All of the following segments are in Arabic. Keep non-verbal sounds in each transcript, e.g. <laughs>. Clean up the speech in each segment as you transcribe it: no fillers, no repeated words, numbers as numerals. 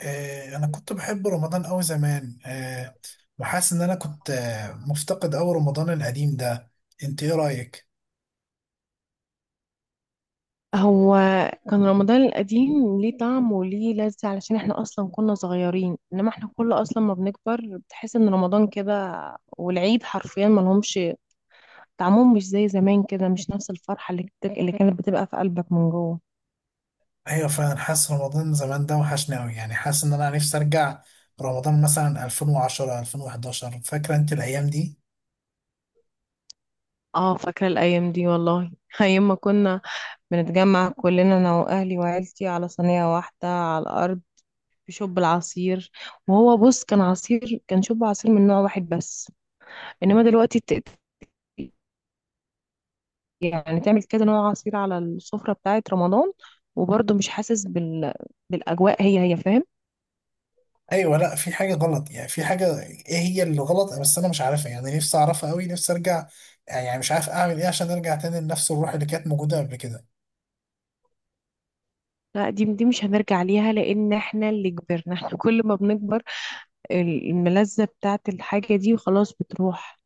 انا كنت بحب رمضان أوي زمان وحاسس ان انا كنت مفتقد أوي رمضان القديم ده. انت ايه رايك؟ هو كان رمضان القديم ليه طعم وليه لذة علشان احنا اصلا كنا صغيرين. انما احنا كل اصلا ما بنكبر بتحس ان رمضان كده والعيد حرفيا ما لهمش طعمهم، مش زي زمان كده، مش نفس الفرحة اللي كانت بتبقى في قلبك من جوه. ايوه، فعلا حاسس رمضان زمان ده وحشني أوي، يعني حاسس ان انا نفسي ارجع رمضان مثلا 2010 2011. فاكره انت الايام دي؟ اه، فاكرة الايام دي والله، <laughs> ايام ما كنا بنتجمع كلنا انا واهلي وعيلتي على صينية واحدة على الارض بشوب العصير. وهو بص، كان عصير، كان شوب عصير من نوع واحد بس، انما دلوقتي يعني تعمل كذا نوع عصير على السفرة بتاعة رمضان، وبرضه مش حاسس بال... بالأجواء هي هي، فاهم. ايوه، لا في حاجه غلط، يعني في حاجه ايه هي اللي غلط بس انا مش عارفها. يعني نفسي اعرفها أوي، نفسي ارجع. يعني مش عارف اعمل ايه عشان ارجع تاني لنفس الروح اللي كانت موجوده قبل كده. لا، دي مش هنرجع ليها، لأن احنا اللي كبرنا احنا. <laughs> كل ما بنكبر الملذة بتاعة الحاجة دي خلاص بتروح.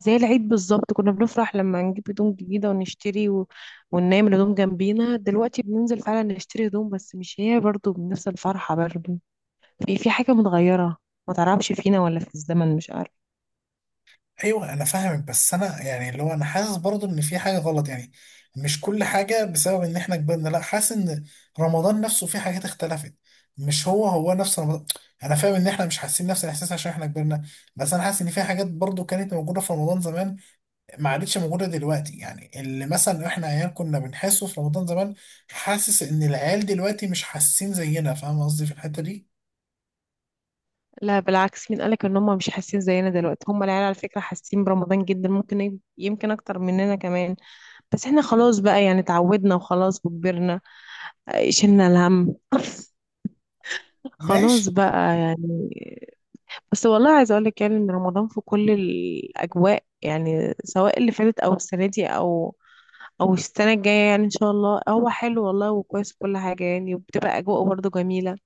زي العيد بالظبط، كنا بنفرح لما نجيب هدوم جديدة ونشتري و... وننام الهدوم جنبينا. دلوقتي بننزل فعلا نشتري هدوم، بس مش هي برضه، بنفس الفرحة برضه. في حاجة متغيرة، ما تعرفش فينا ولا في الزمن، مش عارفة. ايوه، انا فاهمك بس انا يعني اللي هو انا حاسس برضه ان في حاجه غلط. يعني مش كل حاجه بسبب ان احنا كبرنا، لا، حاسس ان رمضان نفسه في حاجات اختلفت. مش هو هو نفس رمضان. انا فاهم ان احنا مش حاسين نفس الاحساس عشان احنا كبرنا، بس انا حاسس ان في حاجات برضه كانت موجوده في رمضان زمان، ما عادتش موجوده دلوقتي. يعني اللي مثلا احنا عيال كنا بنحسه في رمضان زمان، حاسس ان العيال دلوقتي مش حاسين زينا. فاهم قصدي في الحته دي؟ لا بالعكس، مين قالك ان هم مش حاسين زينا دلوقتي؟ هم العيال على فكرة حاسين برمضان جدا، ممكن يمكن اكتر مننا كمان. بس احنا خلاص بقى، يعني اتعودنا وخلاص وكبرنا. آه، شلنا الهم. <laughs> خلاص ماشي. بقى يعني. بس والله عايزة اقولك يعني ان رمضان في كل الاجواء، يعني سواء اللي فاتت او السنة دي او او السنة الجاية، يعني ان شاء الله هو حلو والله وكويس كل حاجة يعني، وبتبقى اجواء برضه جميلة.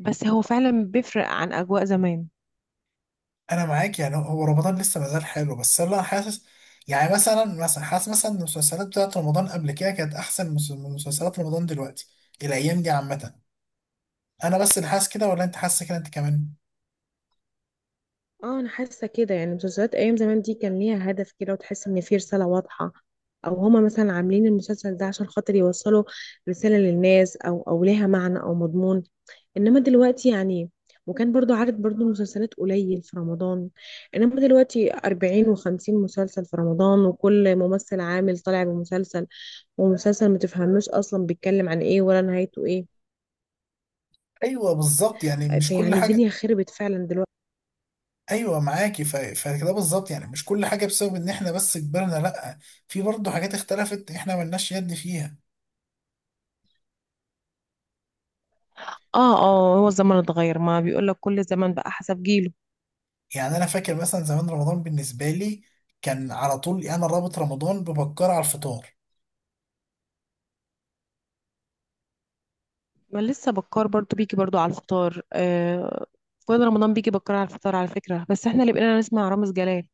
بس هو فعلا بيفرق عن اجواء زمان. انا معاك، يعني هو رمضان لسه مازال حلو بس انا حاسس، يعني مثلا حاسس مثلا ان المسلسلات بتاعت رمضان قبل كده كانت احسن من مسلسلات رمضان دلوقتي الايام دي عامه. انا بس اللي حاسس كده ولا انت حاسس كده انت كمان؟ اه، انا حاسه كده، يعني مسلسلات ايام زمان دي كان ليها هدف كده، وتحس ان في رساله واضحه، او هما مثلا عاملين المسلسل ده عشان خاطر يوصلوا رساله للناس، او او ليها معنى او مضمون. انما دلوقتي يعني، وكان برضو عدد برضو مسلسلات قليل في رمضان، انما دلوقتي 40 و50 مسلسل في رمضان، وكل ممثل عامل طالع بمسلسل، ومسلسل ما تفهموش اصلا بيتكلم عن ايه ولا نهايته ايه. ايوه، بالظبط، يعني مش كل فيعني الدنيا حاجه. خربت فعلا دلوقتي. ايوه، معاكي، فكده بالظبط، يعني مش كل حاجه بسبب ان احنا بس كبرنا، لا في برضه حاجات اختلفت احنا ملناش يد فيها. اه اه، هو الزمن اتغير، ما بيقول لك كل زمن بقى حسب جيله. يعني انا فاكر مثلا زمان رمضان بالنسبه لي كان على طول، يعني انا رابط رمضان ببكر على الفطار. ما لسه بكار برضو بيجي برضو على الفطار، آه. كل رمضان بيجي بكار على الفطار على فكرة، بس احنا اللي بقينا نسمع رامز جلال.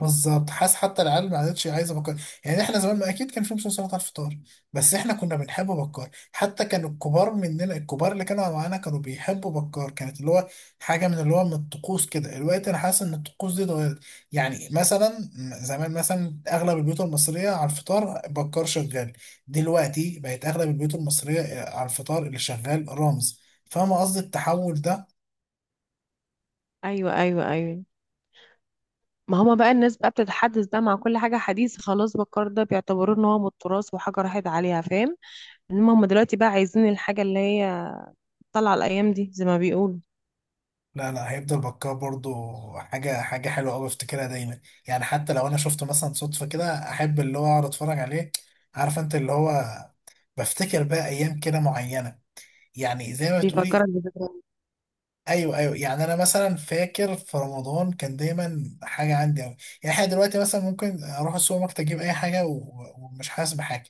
بالظبط، حاسس حتى العيال ما عادتش عايزه بكار. يعني احنا زمان، ما اكيد كان في فلوس سلطه على الفطار. بس احنا كنا بنحب بكار، حتى كان الكبار مننا، الكبار اللي كانوا معانا كانوا بيحبوا بكار، كانت اللي هو حاجه من اللي هو من الطقوس كده. الوقت انا حاسس ان الطقوس دي اتغيرت. يعني مثلا زمان، مثلا اغلب البيوت المصريه على الفطار بكار شغال، دلوقتي بقت اغلب البيوت المصريه على الفطار اللي شغال رامز. فاهم قصدي التحول ده؟ ايوه ايوه ايوه، ما هما بقى الناس بقى بتتحدث بقى مع كل حاجة حديث. خلاص، بكار ده بيعتبروه ان هو من التراث وحاجة راحت عليها، فاهم. انما هما دلوقتي بقى عايزين الحاجة اللي هي طالعة الأيام دي زي ما بيقولوا. لا، لا، هيفضل بكار برضو. حاجة حلوة أوي بفتكرها دايما. يعني حتى لو أنا شفته مثلا صدفة كده، أحب اللي هو أقعد أتفرج عليه. عارف أنت اللي هو بفتكر بقى أيام كده معينة، يعني زي ما بيفكرك تقولي. بذكريات. أيوه، أيوه، يعني أنا مثلا فاكر في رمضان كان دايما حاجة عندي أوي. يعني إحنا دلوقتي مثلا ممكن أروح السوبر ماركت أجيب أي حاجة ومش حاسس بحاجة.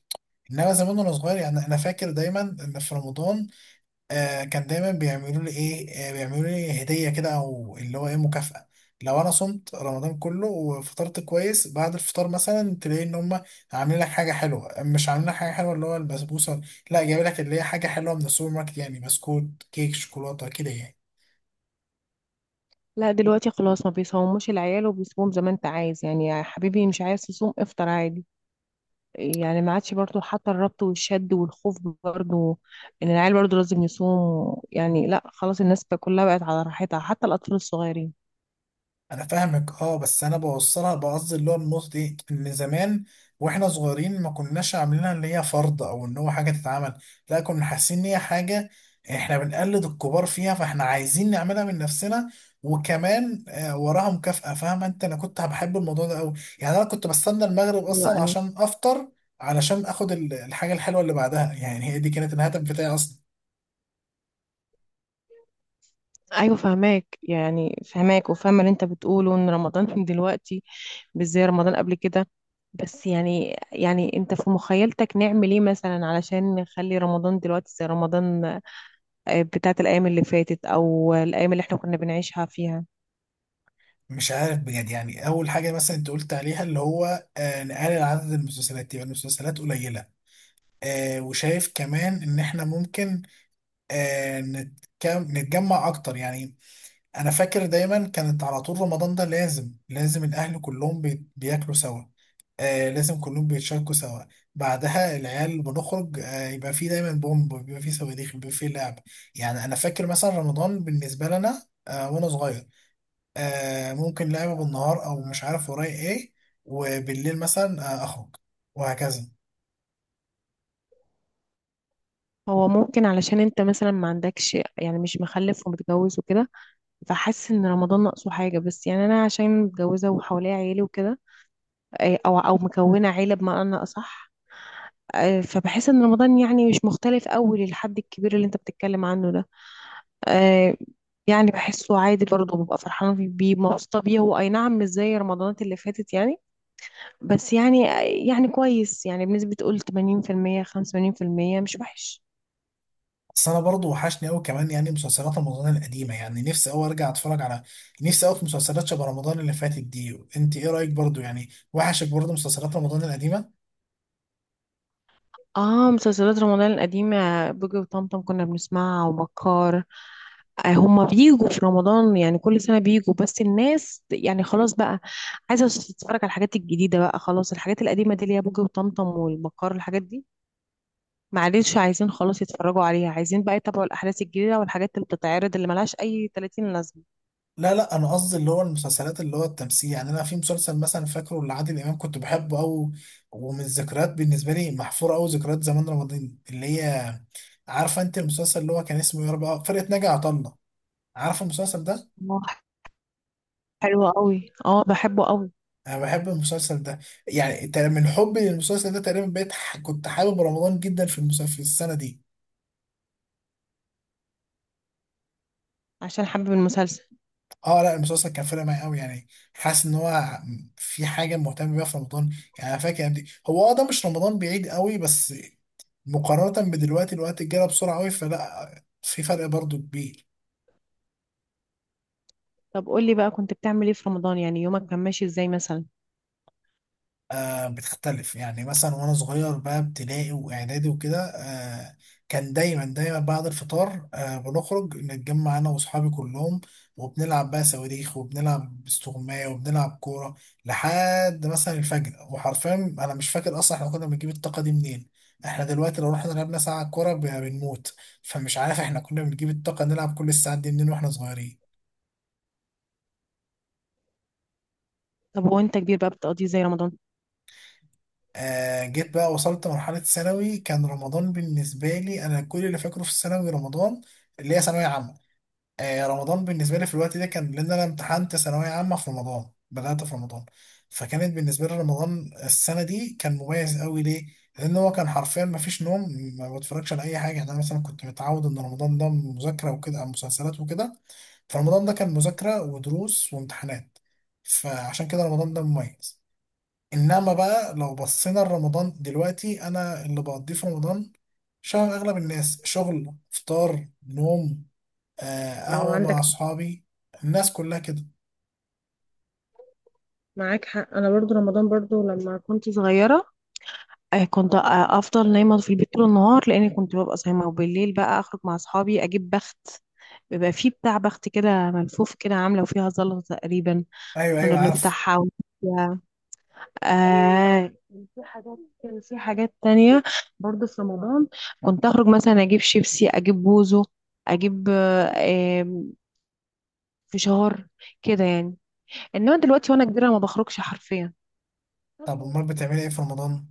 إنما زمان وأنا صغير، يعني أنا فاكر دايما إن في رمضان، كان دايما بيعملوا لي ايه، بيعملوا لي هديه كده او اللي هو ايه مكافاه. لو انا صمت رمضان كله وفطرت كويس، بعد الفطار مثلا تلاقي ان هم عاملين لك حاجه حلوه، مش عاملين لك حاجه حلوه اللي هو البسبوسه، لا جايب لك اللي هي حاجه حلوه من السوبر ماركت، يعني بسكوت كيك شوكولاته كده يعني. لا دلوقتي خلاص، ما بيصوموش العيال، وبيصوموا زي ما انت عايز، يعني يا حبيبي مش عايز تصوم افطر عادي. يعني ما عادش برضو حتى الربط والشد والخوف برضو، ان العيال برضو لازم يصوم. يعني لا، خلاص الناس بقى كلها بقت على راحتها حتى الاطفال الصغيرين. انا فاهمك، اه بس انا بوصلها بقصد اللي هو النقطه دي، ان زمان واحنا صغيرين ما كناش عاملينها اللي هي فرض او ان هو حاجه تتعمل، لا كنا حاسين ان هي حاجه احنا بنقلد الكبار فيها فاحنا عايزين نعملها من نفسنا. وكمان وراها مكافأة. فاهم انت؟ انا كنت بحب الموضوع ده قوي. يعني انا كنت بستنى المغرب ايوه اصلا ايوه عشان افطر، علشان اخد الحاجه الحلوه اللي بعدها، يعني هي دي كانت الهدف بتاعي اصلا. ايوه، فهماك يعني، فهماك وفاهمه اللي انت بتقوله ان رمضان <laughs> من دلوقتي مش زي رمضان قبل كده. بس يعني يعني، انت في مخيلتك نعمل ايه مثلا علشان نخلي رمضان دلوقتي زي رمضان آه، بتاعت الايام اللي فاتت او الايام اللي احنا كنا بنعيشها فيها؟ مش عارف بجد، يعني اول حاجه مثلا انت قلت عليها اللي هو نقلل عدد المسلسلات يبقى المسلسلات قليله. وشايف كمان ان احنا ممكن نتجمع اكتر يعني. انا فاكر دايما كانت على طول رمضان ده لازم لازم الاهل كلهم بياكلوا سوا. لازم كلهم بيتشاركوا سوا. بعدها العيال بنخرج، يبقى في دايما بومب، بيبقى في صواريخ، بيبقى في لعب. يعني انا فاكر مثلا رمضان بالنسبه لنا وانا صغير، ممكن لعبة بالنهار أو مش عارف ورايا إيه، وبالليل مثلا أخرج وهكذا. هو ممكن علشان انت مثلا ما عندكش، يعني مش مخلف ومتجوز وكده، فحاسس ان رمضان ناقصه حاجه. بس يعني انا عشان متجوزه وحواليا عيله وكده، او او مكونه عيله بمعنى اصح، اه، فبحس ان رمضان يعني مش مختلف قوي للحد الكبير اللي انت بتتكلم عنه ده. اه، يعني بحسه عادي برضه، ببقى فرحانه بيه بيه، مبسوطه بيه. هو اي نعم مش زي رمضانات اللي فاتت يعني، بس يعني آه، يعني كويس، يعني بنسبه قول 80% 85%، مش وحش. بس أنا برضو وحشني أوي كمان يعني مسلسلات رمضان القديمة. يعني نفسي أوي أرجع أتفرج على، نفسي أوي في مسلسلات شبه رمضان اللي فاتت دي. أنت إيه رأيك؟ برضو يعني وحشك برضو مسلسلات رمضان القديمة؟ اه، مسلسلات رمضان القديمة، بوجي وطمطم كنا بنسمعها وبكار. آه، هما بيجوا في رمضان، يعني كل سنة بيجوا، بس الناس يعني خلاص بقى عايزة تتفرج على الحاجات الجديدة بقى. خلاص الحاجات القديمة دي اللي هي بوجي وطمطم والبكار، الحاجات دي معلش عايزين خلاص يتفرجوا عليها، عايزين بقى يتابعوا الأحداث الجديدة والحاجات اللي بتتعرض اللي ملهاش أي 30 لازمة. لا، لا، أنا قصدي اللي هو المسلسلات اللي هو التمثيل، يعني أنا في مسلسل مثلا فاكره لعادل إمام كنت بحبه أوي. ومن الذكريات بالنسبة لي محفورة أوي ذكريات زمان رمضان اللي هي، عارفة أنت المسلسل اللي هو كان اسمه يا رب، فرقة ناجي عطا الله؟ عارف المسلسل ده؟ اه حلوة قوي، اه بحبه قوي. انا بحب المسلسل ده. يعني من حبي للمسلسل ده تقريبا بقيت كنت حابب رمضان جدا في المسلسل في السنه دي. عشان حابب المسلسل. اه، لا، المسلسل كان فارق معايا قوي يعني، حاسس ان هو في حاجه مهتم بيها في رمضان. يعني انا فاكر دي هو اه ده مش رمضان بعيد قوي، بس مقارنه بدلوقتي الوقت جرى بسرعه قوي فلا في فرق برضو كبير. طب قولي بقى، كنت بتعمل ايه في رمضان؟ يعني يومك كان ماشي ازاي مثلا؟ بتختلف، يعني مثلا وانا صغير بقى ابتدائي واعدادي وكده، كان دايما دايما بعد الفطار بنخرج نتجمع انا واصحابي كلهم. وبنلعب بقى صواريخ، وبنلعب استغماية، وبنلعب كورة لحد مثلا الفجر. وحرفيا انا مش فاكر اصلا احنا كنا بنجيب الطاقة دي منين. احنا دلوقتي لو رحنا لعبنا ساعة كورة بنموت. فمش عارف احنا كنا بنجيب الطاقة نلعب كل الساعات دي منين واحنا صغيرين. طب وانت كبير بقى بتقضيه ازاي رمضان؟ جيت بقى وصلت مرحلة ثانوي، كان رمضان بالنسبة لي، أنا كل اللي فاكره في الثانوي رمضان اللي هي ثانوية عامة. رمضان بالنسبة لي في الوقت ده كان، لأن أنا امتحنت ثانوية عامة في رمضان، بدأت في رمضان، فكانت بالنسبة لي رمضان السنة دي كان مميز قوي. ليه؟ لأن هو كان حرفيا مفيش نوم، ما بتفرجش على أي حاجة. يعني أنا مثلا كنت متعود إن رمضان ده مذاكرة وكده أو مسلسلات وكده، فرمضان ده كان مذاكرة ودروس وامتحانات. فعشان كده رمضان ده مميز. انما بقى لو بصينا لرمضان دلوقتي، انا اللي بقضيه في رمضان شبه اغلب الناس، شغل، فطار، نوم، اه قهوه مع عندك. اصحابي. الناس كلها كده. معاك حق، انا برضو رمضان، برضو لما كنت صغيره آه، كنت آه، افضل نايمه في البيت طول النهار لاني كنت ببقى صايمه، وبالليل بقى اخرج مع اصحابي اجيب بخت. بيبقى فيه بتاع بخت كده ملفوف كده عامله وفيها زلطه تقريبا، ايوه، كنا ايوه، عارف. بنفتحها. و... آه، في حاجات، كان في حاجات تانية برضو في رمضان، كنت اخرج مثلا اجيب شيبسي، اجيب بوزو، اجيب آه، آه، فشار كده يعني. انما دلوقتي وانا كبيره ما بخرجش حرفيا. طب امال بتعملي ايه في رمضان؟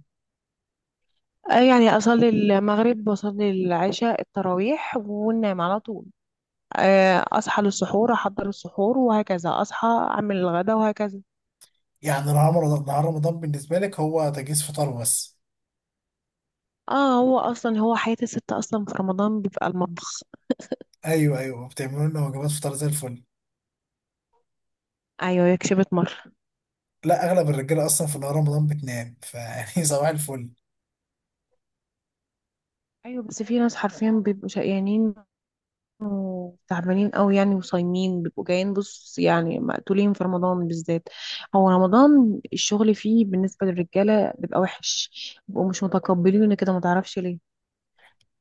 آه، يعني أصلي المغرب وأصلي العشاء التراويح وننام على طول. آه، أصحى للسحور أحضر السحور وهكذا، أصحى أعمل الغدا وهكذا. يعني نهار رمضان بالنسبه لك هو تجهيز فطار بس؟ اه، هو أصلا، هو حياة الست أصلا في رمضان بيبقى المطبخ. ايوه، ايوه، بتعملوا لنا وجبات فطار زي الفل. أيوه، هي كشبت مرة. لا، اغلب الرجاله اصلا في نهار رمضان بتنام، فيعني <laughs> صباح الفل. أيوه، بس في ناس حرفيا بيبقوا شقيانين وتعبانين أوي يعني، وصايمين بيبقوا جايين بص، يعني مقتولين في رمضان بالذات. هو رمضان الشغل فيه بالنسبة للرجالة بيبقى وحش، بيبقوا مش متقبلين كده ما تعرفش ليه.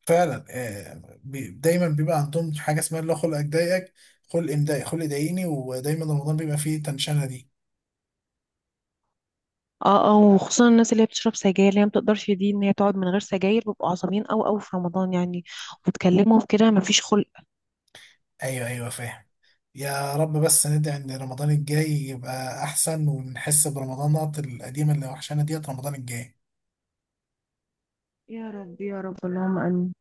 فعلا، دايما بيبقى عندهم حاجه اسمها اللي هو خلق اضايقك، خلق امضايق، خلق ضايقني. ودايما رمضان بيبقى فيه تنشنه دي. اه اه، وخصوصا الناس اللي هي بتشرب سجاير، اللي هي ما بتقدرش دي ان هي تقعد من غير سجاير، بيبقوا عصبيين قوي قوي في رمضان يعني، وتكلمهم كده ما فيش خلق. ايوه، ايوه، فاهم. يا رب، بس ندعي ان رمضان الجاي يبقى احسن، ونحس برمضانات القديمه اللي وحشانا ديت رمضان الجاي. يا رب، يا رب، اللهم امين.